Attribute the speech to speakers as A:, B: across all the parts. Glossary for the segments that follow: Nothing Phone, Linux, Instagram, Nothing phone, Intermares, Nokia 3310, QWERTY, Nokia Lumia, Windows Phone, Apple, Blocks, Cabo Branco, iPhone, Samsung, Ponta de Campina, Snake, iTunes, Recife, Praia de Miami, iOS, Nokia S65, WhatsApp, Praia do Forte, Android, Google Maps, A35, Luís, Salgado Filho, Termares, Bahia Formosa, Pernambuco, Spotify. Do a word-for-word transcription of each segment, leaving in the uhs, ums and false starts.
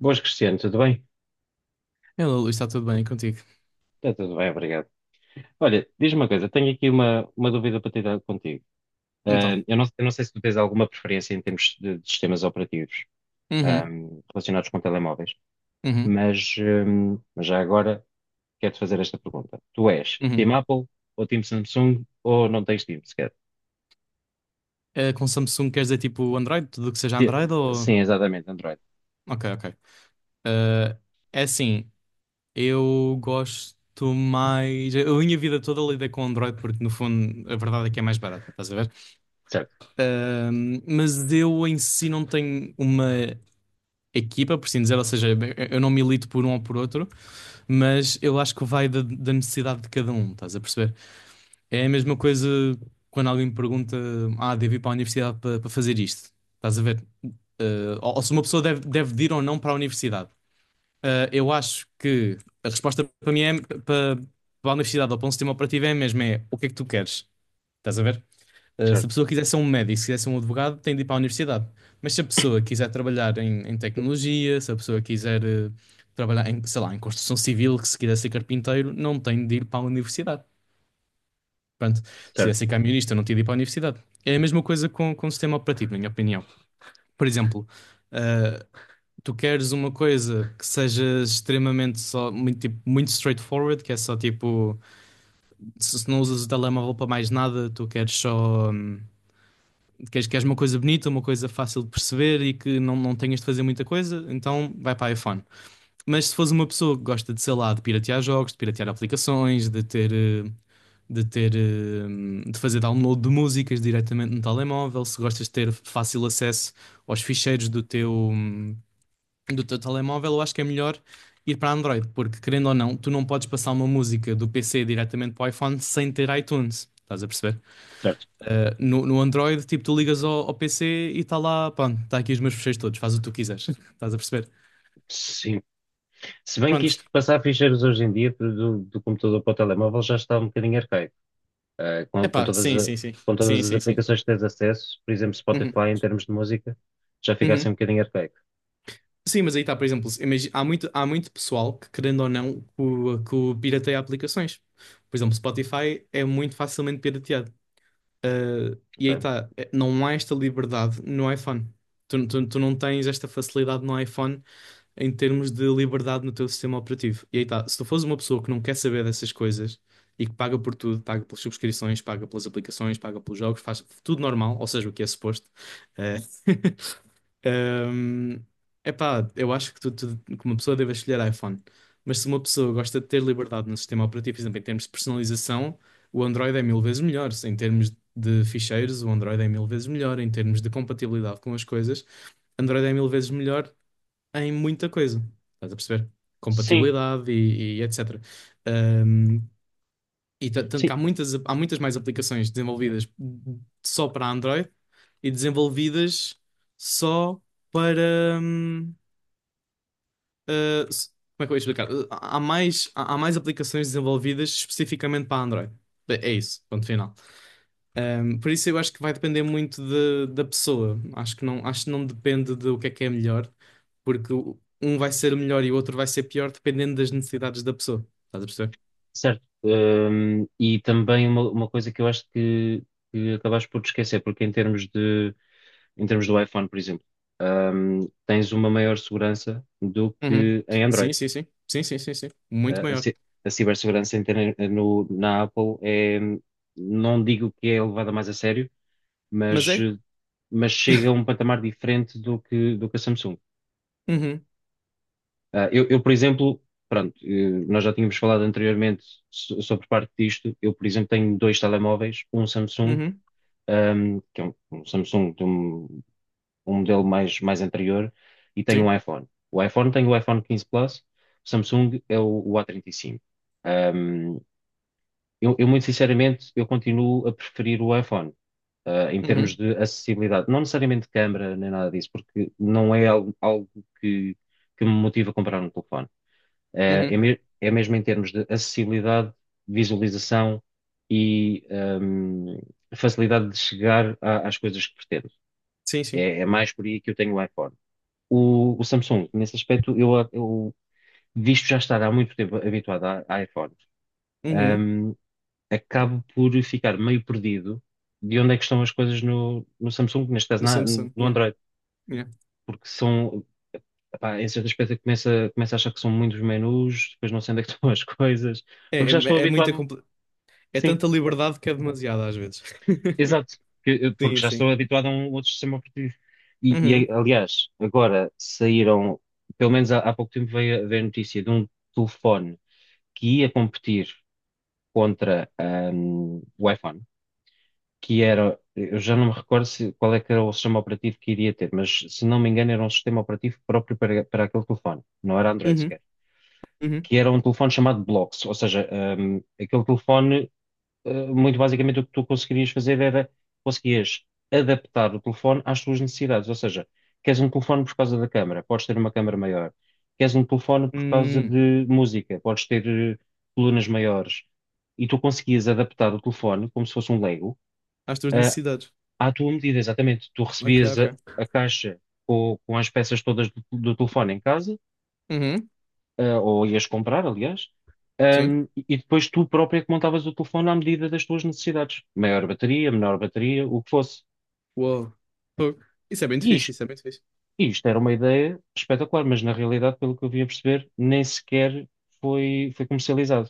A: Boas, Cristiano, tudo bem?
B: Hello, Luís, está tudo bem contigo?
A: Está tudo bem, obrigado. Olha, diz-me uma coisa, tenho aqui uma, uma dúvida para tirar contigo. Ah,
B: Então.
A: eu não, eu não sei se tu tens alguma preferência em termos de, de sistemas operativos, ah,
B: Uhum,
A: relacionados com telemóveis,
B: uhum,
A: mas, hum, mas já agora quero-te fazer esta pergunta. Tu és
B: uhum.
A: Team Apple ou Team Samsung ou não tens Team sequer?
B: Eh, com Samsung queres dizer tipo Android? Tudo que seja
A: Ti-
B: Android ou.
A: Sim, exatamente, Android.
B: Ok, ok. Eh, É assim, eu gosto mais. Eu, a minha vida toda lidei com Android porque, no fundo, a verdade é que é mais barato, estás a ver?
A: Certo,
B: Ahm, mas eu em si não tenho uma equipa, por assim dizer, ou seja, eu não milito por um ou por outro, mas eu acho que vai da, da necessidade de cada um, estás a perceber? É a mesma coisa quando alguém me pergunta: Ah, devo ir para a universidade para, para fazer isto? Estás a ver? Eh, ou, ou se uma pessoa deve, deve ir ou não para a universidade. Eh, eu acho que a resposta para mim é para, para a universidade ou para um sistema operativo é mesmo: é o que é que tu queres? Estás a ver? Eh, se a
A: certo,
B: pessoa quiser ser um médico, se quiser ser um advogado, tem de ir para a universidade. Mas se a pessoa quiser trabalhar em, em tecnologia, se a pessoa quiser eh, trabalhar em, sei lá, em construção civil, que se quiser ser carpinteiro, não tem de ir para a universidade. Pronto, se ia
A: certo,
B: ser camionista, eu não tinha de ir para a universidade. É a mesma coisa com, com o sistema operativo, na minha opinião. Por exemplo, ah, tu queres uma coisa que seja extremamente só, muito, tipo, muito straightforward, que é só tipo, se, se não usas o telemóvel para mais nada, tu queres só, hum, queres, queres uma coisa bonita, uma coisa fácil de perceber e que não, não tenhas de fazer muita coisa, então vai para iPhone. Mas se fores uma pessoa que gosta de, sei lá, de piratear jogos, de piratear aplicações, de ter, eh, de ter, eh, de fazer download de músicas diretamente no telemóvel, se gostas de ter fácil acesso aos ficheiros do teu, do teu telemóvel, eu acho que é melhor ir para Android, porque querendo ou não, tu não podes passar uma música do P C diretamente para o iPhone sem ter iTunes. Estás a perceber?
A: certo.
B: Eh, no, no Android, tipo, tu ligas ao, ao P C e está lá, pronto, está aqui os meus ficheiros todos, faz o que tu quiseres. Estás a perceber?
A: Sim. Se bem que
B: Pronto,
A: isto de passar ficheiros hoje em dia do, do computador para o telemóvel já está um bocadinho arcaico. eh, com, com
B: epá,
A: todas
B: sim,
A: a-
B: sim, sim.
A: com
B: Sim,
A: todas as
B: sim, sim.
A: aplicações que tens acesso, por exemplo,
B: Uhum,
A: Spotify em termos de música, já fica assim
B: uhum.
A: um bocadinho arcaico,
B: Sim, mas aí está, por exemplo, imagi- há muito, há muito pessoal que, querendo ou não, que o, que o pirateia aplicações. Por exemplo, Spotify é muito facilmente pirateado. Ah, e aí
A: ok?
B: está, não há esta liberdade no iPhone. Tu, tu, tu não tens esta facilidade no iPhone em termos de liberdade no teu sistema operativo. E aí está, se tu fores uma pessoa que não quer saber dessas coisas e que paga por tudo, paga pelas subscrições, paga pelas aplicações, paga pelos jogos, faz tudo normal, ou seja, o que é suposto. eh, Ahm, epá, eu acho que, tu, tu- que uma pessoa deve escolher iPhone. Mas se uma pessoa gosta de ter liberdade no sistema operativo, por exemplo, em termos de personalização, o Android é mil vezes melhor. Em termos de ficheiros, o Android é mil vezes melhor. Em termos de compatibilidade com as coisas, Android é mil vezes melhor em muita coisa. Estás a perceber?
A: Sim.
B: Compatibilidade e, e etcétera. E ta- tanto
A: Sim,
B: que há muitas, há muitas mais aplicações desenvolvidas só para Android e desenvolvidas só para. hum, ah, s- Como é que eu ia explicar? Ah, há mais, há há mais aplicações desenvolvidas especificamente para Android. É é isso, ponto final. Hum, por isso eu acho que vai depender muito de- da pessoa. Acho que não, acho que não depende do que é que é melhor, porque o- um vai ser melhor e o outro vai ser pior dependendo das necessidades da pessoa. Estás a perceber?
A: certo. Hum, e também uma, uma coisa que eu acho que, que acabaste por te esquecer, porque em termos de, em termos do iPhone, por exemplo, hum, tens uma maior segurança do
B: Uhum.
A: que em
B: Sim,
A: Android.
B: sim, sim. Sim, sim, sim, sim. Muito
A: A, a
B: maior.
A: ci- a cibersegurança em ter- no- na Apple é, não digo que é levada mais a sério,
B: Mas
A: mas,
B: é?
A: eh, mas chega a um patamar diferente do que, do que a Samsung.
B: Uhum,
A: Ah, eu, eu, por exemplo, pronto, eh, nós já tínhamos falado anteriormente so- sobre parte disto. Eu, por exemplo, tenho dois telemóveis, um Samsung,
B: uhum,
A: ahm, que é um, um Samsung de um, um modelo mais, mais anterior, e tenho
B: sim,
A: um iPhone. O iPhone tem o iPhone quinze Plus, o Samsung é o, o A trinta e cinco. Ahm, eu, eu, muito sinceramente, eu continuo a preferir o iPhone. Uh, em termos
B: uhum,
A: de acessibilidade, não necessariamente de câmara nem nada disso, porque não é algo, algo que, que me motiva a comprar um telefone. É,
B: uhum,
A: é, me- é mesmo em termos de acessibilidade, visualização e hum, facilidade de chegar a- às coisas que pretendo.
B: sim, sim,
A: É, é mais por aí que eu tenho o iPhone. O, o Samsung, nesse aspecto, eu, eu visto já estar há muito tempo habituado a, a iPhone.
B: uhum,
A: um, acabo por ficar meio perdido de onde é que estão as coisas no, no Samsung, neste caso
B: no
A: na-
B: Samsung,
A: no
B: yeah,
A: Android,
B: yeah.
A: porque são, epá, em certo aspecto eu começo a, começo a achar que são muitos menus, depois não sei onde é que estão as coisas,
B: É,
A: porque já estou
B: é, é muita,
A: habituado,
B: compl- é
A: sim,
B: tanta liberdade que é demasiada às vezes.
A: exato, que- eu- porque
B: Sim,
A: já estou
B: sim.
A: habituado a um outro sistema operativo. E,
B: Uhum,
A: e, aliás, agora saíram, pelo menos há, há pouco tempo veio, a- veio a notícia de um telefone que ia competir contra, ahm, o iPhone que era, eu já não me recordo se, qual é que era o sistema operativo que iria ter, mas se não me engano era um sistema operativo próprio para, para aquele telefone, não era Android
B: uhum,
A: sequer,
B: uhum.
A: que era um telefone chamado Blocks, ou seja, hum, aquele telefone, eh, muito basicamente o que tu conseguirias fazer era, conseguias adaptar o telefone às tuas necessidades, ou seja, queres um telefone por causa da câmara, podes ter uma câmara maior, queres um telefone por causa
B: Hum,
A: de música, podes ter eh, colunas maiores, e tu conseguias adaptar o telefone como se fosse um Lego,
B: Às tuas
A: eh,
B: necessidades.
A: à tua medida, exatamente. Tu
B: Ok,
A: recebias a,
B: ok.
A: a caixa com, com as peças todas do, do telefone em casa,
B: Uhum,
A: ah, ou ias comprar, aliás,
B: sim.
A: ahm, e e depois tu própria é que montavas o telefone à medida das tuas necessidades. Maior bateria, menor bateria, o que fosse.
B: Uou. Fogo. Isso é bem
A: E
B: fixe,
A: isto,
B: isso é bem fixe.
A: isto era uma ideia espetacular, mas na realidade, pelo que eu vim a perceber, nem sequer foi, foi comercializado.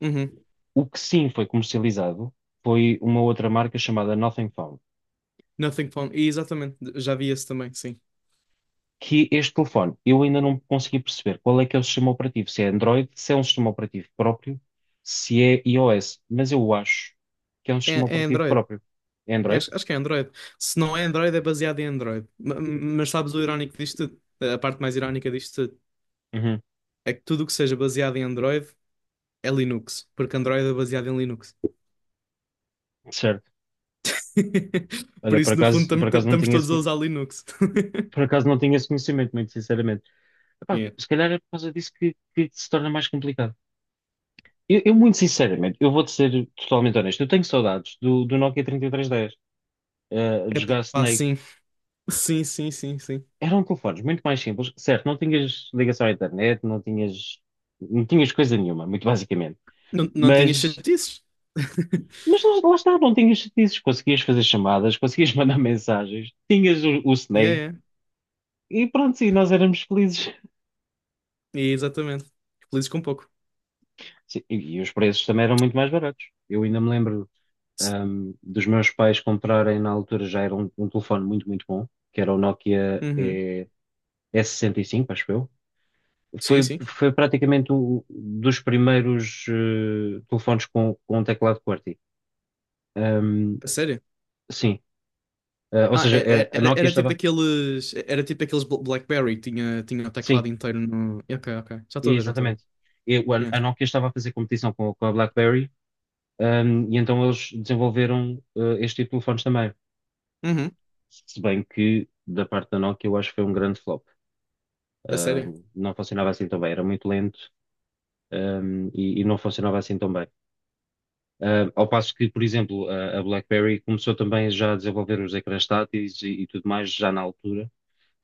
B: Uhum.
A: O que sim foi comercializado foi uma outra marca chamada Nothing Phone.
B: Nothing phone. E exatamente, já vi esse também, sim.
A: que este telefone, eu ainda não consegui perceber qual é que é o sistema operativo, se é Android, se é um sistema operativo próprio, se é iOS, mas eu acho que é um sistema
B: É, é
A: operativo
B: Android.
A: próprio. É
B: É,
A: Android?
B: acho, acho que é Android. Se não é Android, é baseado em Android. Ma- Mas, sabes o irónico disto tudo? A parte mais irónica disto tudo
A: Uhum,
B: é que tudo o que seja baseado em Android é Linux, porque Android é baseado em Linux.
A: certo.
B: Por
A: Olha, por
B: isso, no
A: acaso,
B: fundo,
A: por acaso não
B: estamos
A: tinha
B: todos a
A: esse,
B: usar Linux.
A: por acaso não tinha esse conhecimento, muito sinceramente. Epá,
B: Yeah.
A: se calhar é por causa disso que, que se torna mais complicado. Eu, eu, muito sinceramente, eu vou-te ser totalmente honesto, eu tenho saudades do, do Nokia três três um zero, eh,
B: É
A: de jogar
B: pá,
A: Snake.
B: sim. Sim, sim, sim, sim.
A: Eram telefones muito mais simples, certo? Não tinhas ligação à internet, não tinhas, não tinhas coisa nenhuma, muito basicamente.
B: Não, não tinha
A: Mas,
B: chatices.
A: mas lá, lá está, não tinhas chatices, conseguias fazer chamadas, conseguias mandar mensagens, tinhas o, o
B: Yeah,
A: Snake
B: yeah.
A: e pronto, sim, nós éramos felizes.
B: Yeah, exatamente. Felizes com pouco.
A: Sim, e, e os preços também eram muito mais baratos. Eu ainda me lembro,
B: S-
A: ahm, dos meus pais comprarem na altura já era um, um telefone muito, muito bom, que era o Nokia
B: Uhum.
A: eh, S sessenta e cinco, acho eu.
B: Sim,
A: Foi,
B: sim.
A: foi praticamente um dos primeiros eh, telefones com, com um teclado QWERTY. Ahm,
B: A sério.
A: sim, Ah, ou
B: Ah,
A: seja,
B: é-
A: eh,
B: é-
A: a
B: era,
A: Nokia
B: era tipo
A: estava.
B: aqueles. Era tipo aqueles Bla- BlackBerry, tinha, tinha o
A: Sim,
B: teclado inteiro no. Ok, ok. Já estou a ver, já estou a ver.
A: exatamente. E o-
B: Yeah.
A: a Nokia estava a fazer competição com, com a BlackBerry, ahm, e então eles desenvolveram eh, este tipo de telefones também.
B: Uhum.
A: Se bem que, da parte da Nokia, eu acho que foi um grande flop.
B: A sério.
A: Ahm, não funcionava assim tão bem, era muito lento, ahm, e, e não funcionava assim tão bem. Ah, ao passo que, por exemplo, a, a BlackBerry começou também já a desenvolver os ecrãs táteis e, e tudo mais já na altura,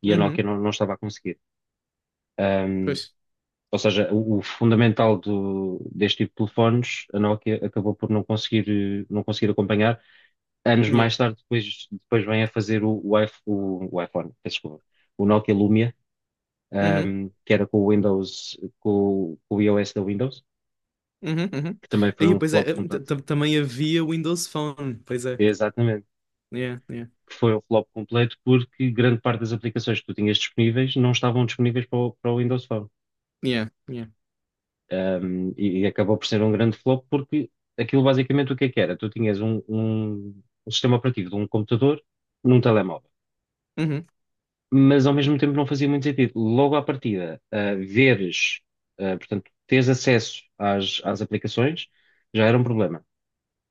A: e a
B: Uhum.
A: Nokia não, não estava a conseguir. Ahm,
B: Pois.
A: ou seja, o, o fundamental do- deste tipo de telefones, a Nokia acabou por não conseguir, eh, não conseguir acompanhar. Anos
B: Yeah.
A: mais tarde, depois, depois vem a fazer o, o, iPh- o- o iPhone, peço desculpa, o Nokia Lumia,
B: Uhum.
A: ahm, que era com o Windows, com, o com o iOS da Windows,
B: Uhum, uhum.
A: que também foi
B: Aí,
A: um
B: pois é,
A: flop
B: t-
A: completo.
B: t- também havia Windows Phone, pois é.
A: Exatamente.
B: Yeah, yeah,
A: que foi um flop completo porque grande parte das aplicações que tu tinhas disponíveis não estavam disponíveis para o, para o Windows Phone.
B: yeah, yeah.
A: Um, e, e acabou por ser um grande flop porque aquilo basicamente o que é que era? Tu tinhas um, um- um sistema operativo de um computador num telemóvel,
B: Uhum,
A: mas ao mesmo tempo não fazia muito sentido. Logo à partida, ah, veres, ah, portanto, teres acesso às, às aplicações já era um problema.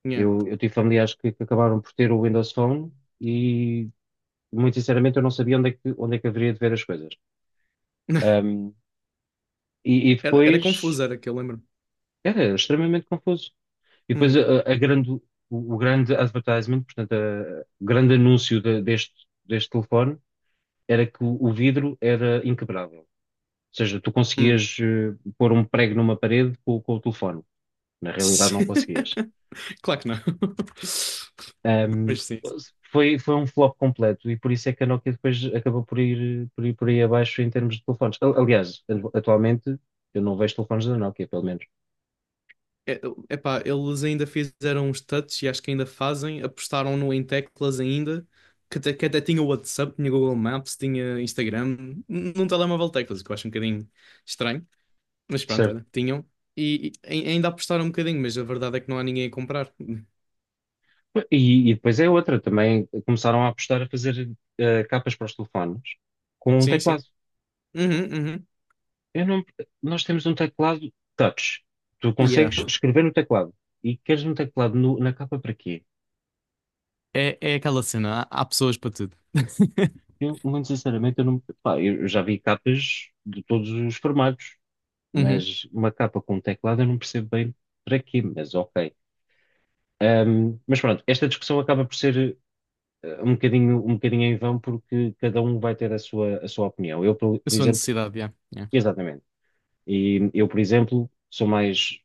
B: yeah.
A: Eu, eu tive familiares que, que acabaram por ter o Windows Phone e, muito sinceramente, eu não sabia onde é que, onde é que haveria de ver as coisas. Um, e, e
B: Era, era
A: depois
B: confuso, era que eu lembro.
A: era extremamente confuso. E depois
B: Uhum,
A: a, a grande, o, o grande advertisement, portanto, a- o grande anúncio de- deste, deste telefone era que o, o vidro era inquebrável. Ou seja, tu
B: hum.
A: conseguias eh, pôr um prego numa parede com, com o telefone. Na realidade, não conseguias.
B: Claro que não.
A: Um,
B: Mas sim.
A: foi, foi um flop completo e por isso é que a Nokia depois acabou por ir por ir por aí abaixo em termos de telefones. Al- Aliás, atualmente eu não vejo telefones da Nokia, pelo menos.
B: É, epá, eles ainda fizeram uns touch e acho que ainda fazem, apostaram no em teclas ainda, que até, que até tinha o WhatsApp, tinha Google Maps, tinha Instagram, num telemóvel teclas, o que eu acho um bocadinho estranho. Mas pronto,
A: Certo.
B: olha, tinham. E, e ai- ainda apostaram um bocadinho, mas a verdade é que não há ninguém a comprar.
A: E, e depois é outra, também começaram a apostar a fazer eh, capas para os telefones com um
B: Sim, sim.
A: teclado.
B: Uhum, uhum.
A: Eu não, Nós temos um teclado touch. Tu
B: Yeah.
A: consegues escrever no teclado e queres um teclado no- na capa para quê?
B: É, é aquela cena, há, há pessoas para tudo.
A: Eu, muito sinceramente, eu não, pá, eu já vi capas de todos os formatos,
B: Uhum.
A: mas uma capa com um teclado eu não percebo bem para quê, mas ok. Ahm, mas pronto, esta discussão acaba por ser eh, um bocadinho, um bocadinho em vão porque cada um vai ter a sua, a sua opinião. Eu, por
B: Eu
A: por
B: sou a
A: exemplo.
B: necessidade, yeah. Yeah.
A: Exatamente. E eu, por exemplo, sou mais,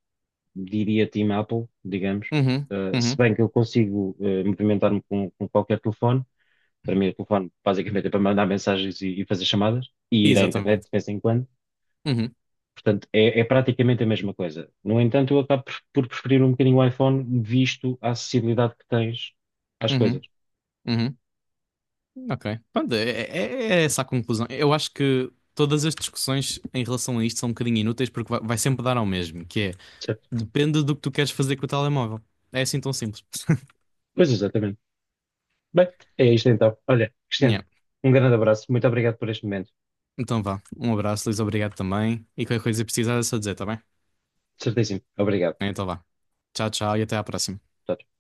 A: diria, Team Apple, digamos.
B: Uhum,
A: Uh, se
B: uhum.
A: bem que eu consigo uh, movimentar-me com, com qualquer telefone, para mim o telefone basicamente é para mandar mensagens e, e fazer chamadas e ir à internet
B: Exatamente.
A: de vez em quando.
B: Uhum,
A: Portanto, é, é praticamente a mesma coisa. No entanto, eu acabo por por preferir um bocadinho o iPhone, visto a acessibilidade que tens às coisas.
B: uhum, uhum. Ok. Pronto, é, é- é essa a conclusão. Eu acho que todas as discussões em relação a isto são um bocadinho inúteis porque vai, vai sempre dar ao mesmo, que é:
A: Certo?
B: depende do que tu queres fazer com o telemóvel. É assim tão simples.
A: Pois exatamente. Bem, é isto então. Olha, Cristiano,
B: Yeah.
A: um grande abraço. Muito obrigado por este momento.
B: Então vá. Um abraço, Luís. Obrigado também. E qualquer coisa que precisar é só dizer, tá bem?
A: Certíssimo. Obrigado.
B: Então vá. Tchau, tchau e até à próxima.
A: Tchau, tchau.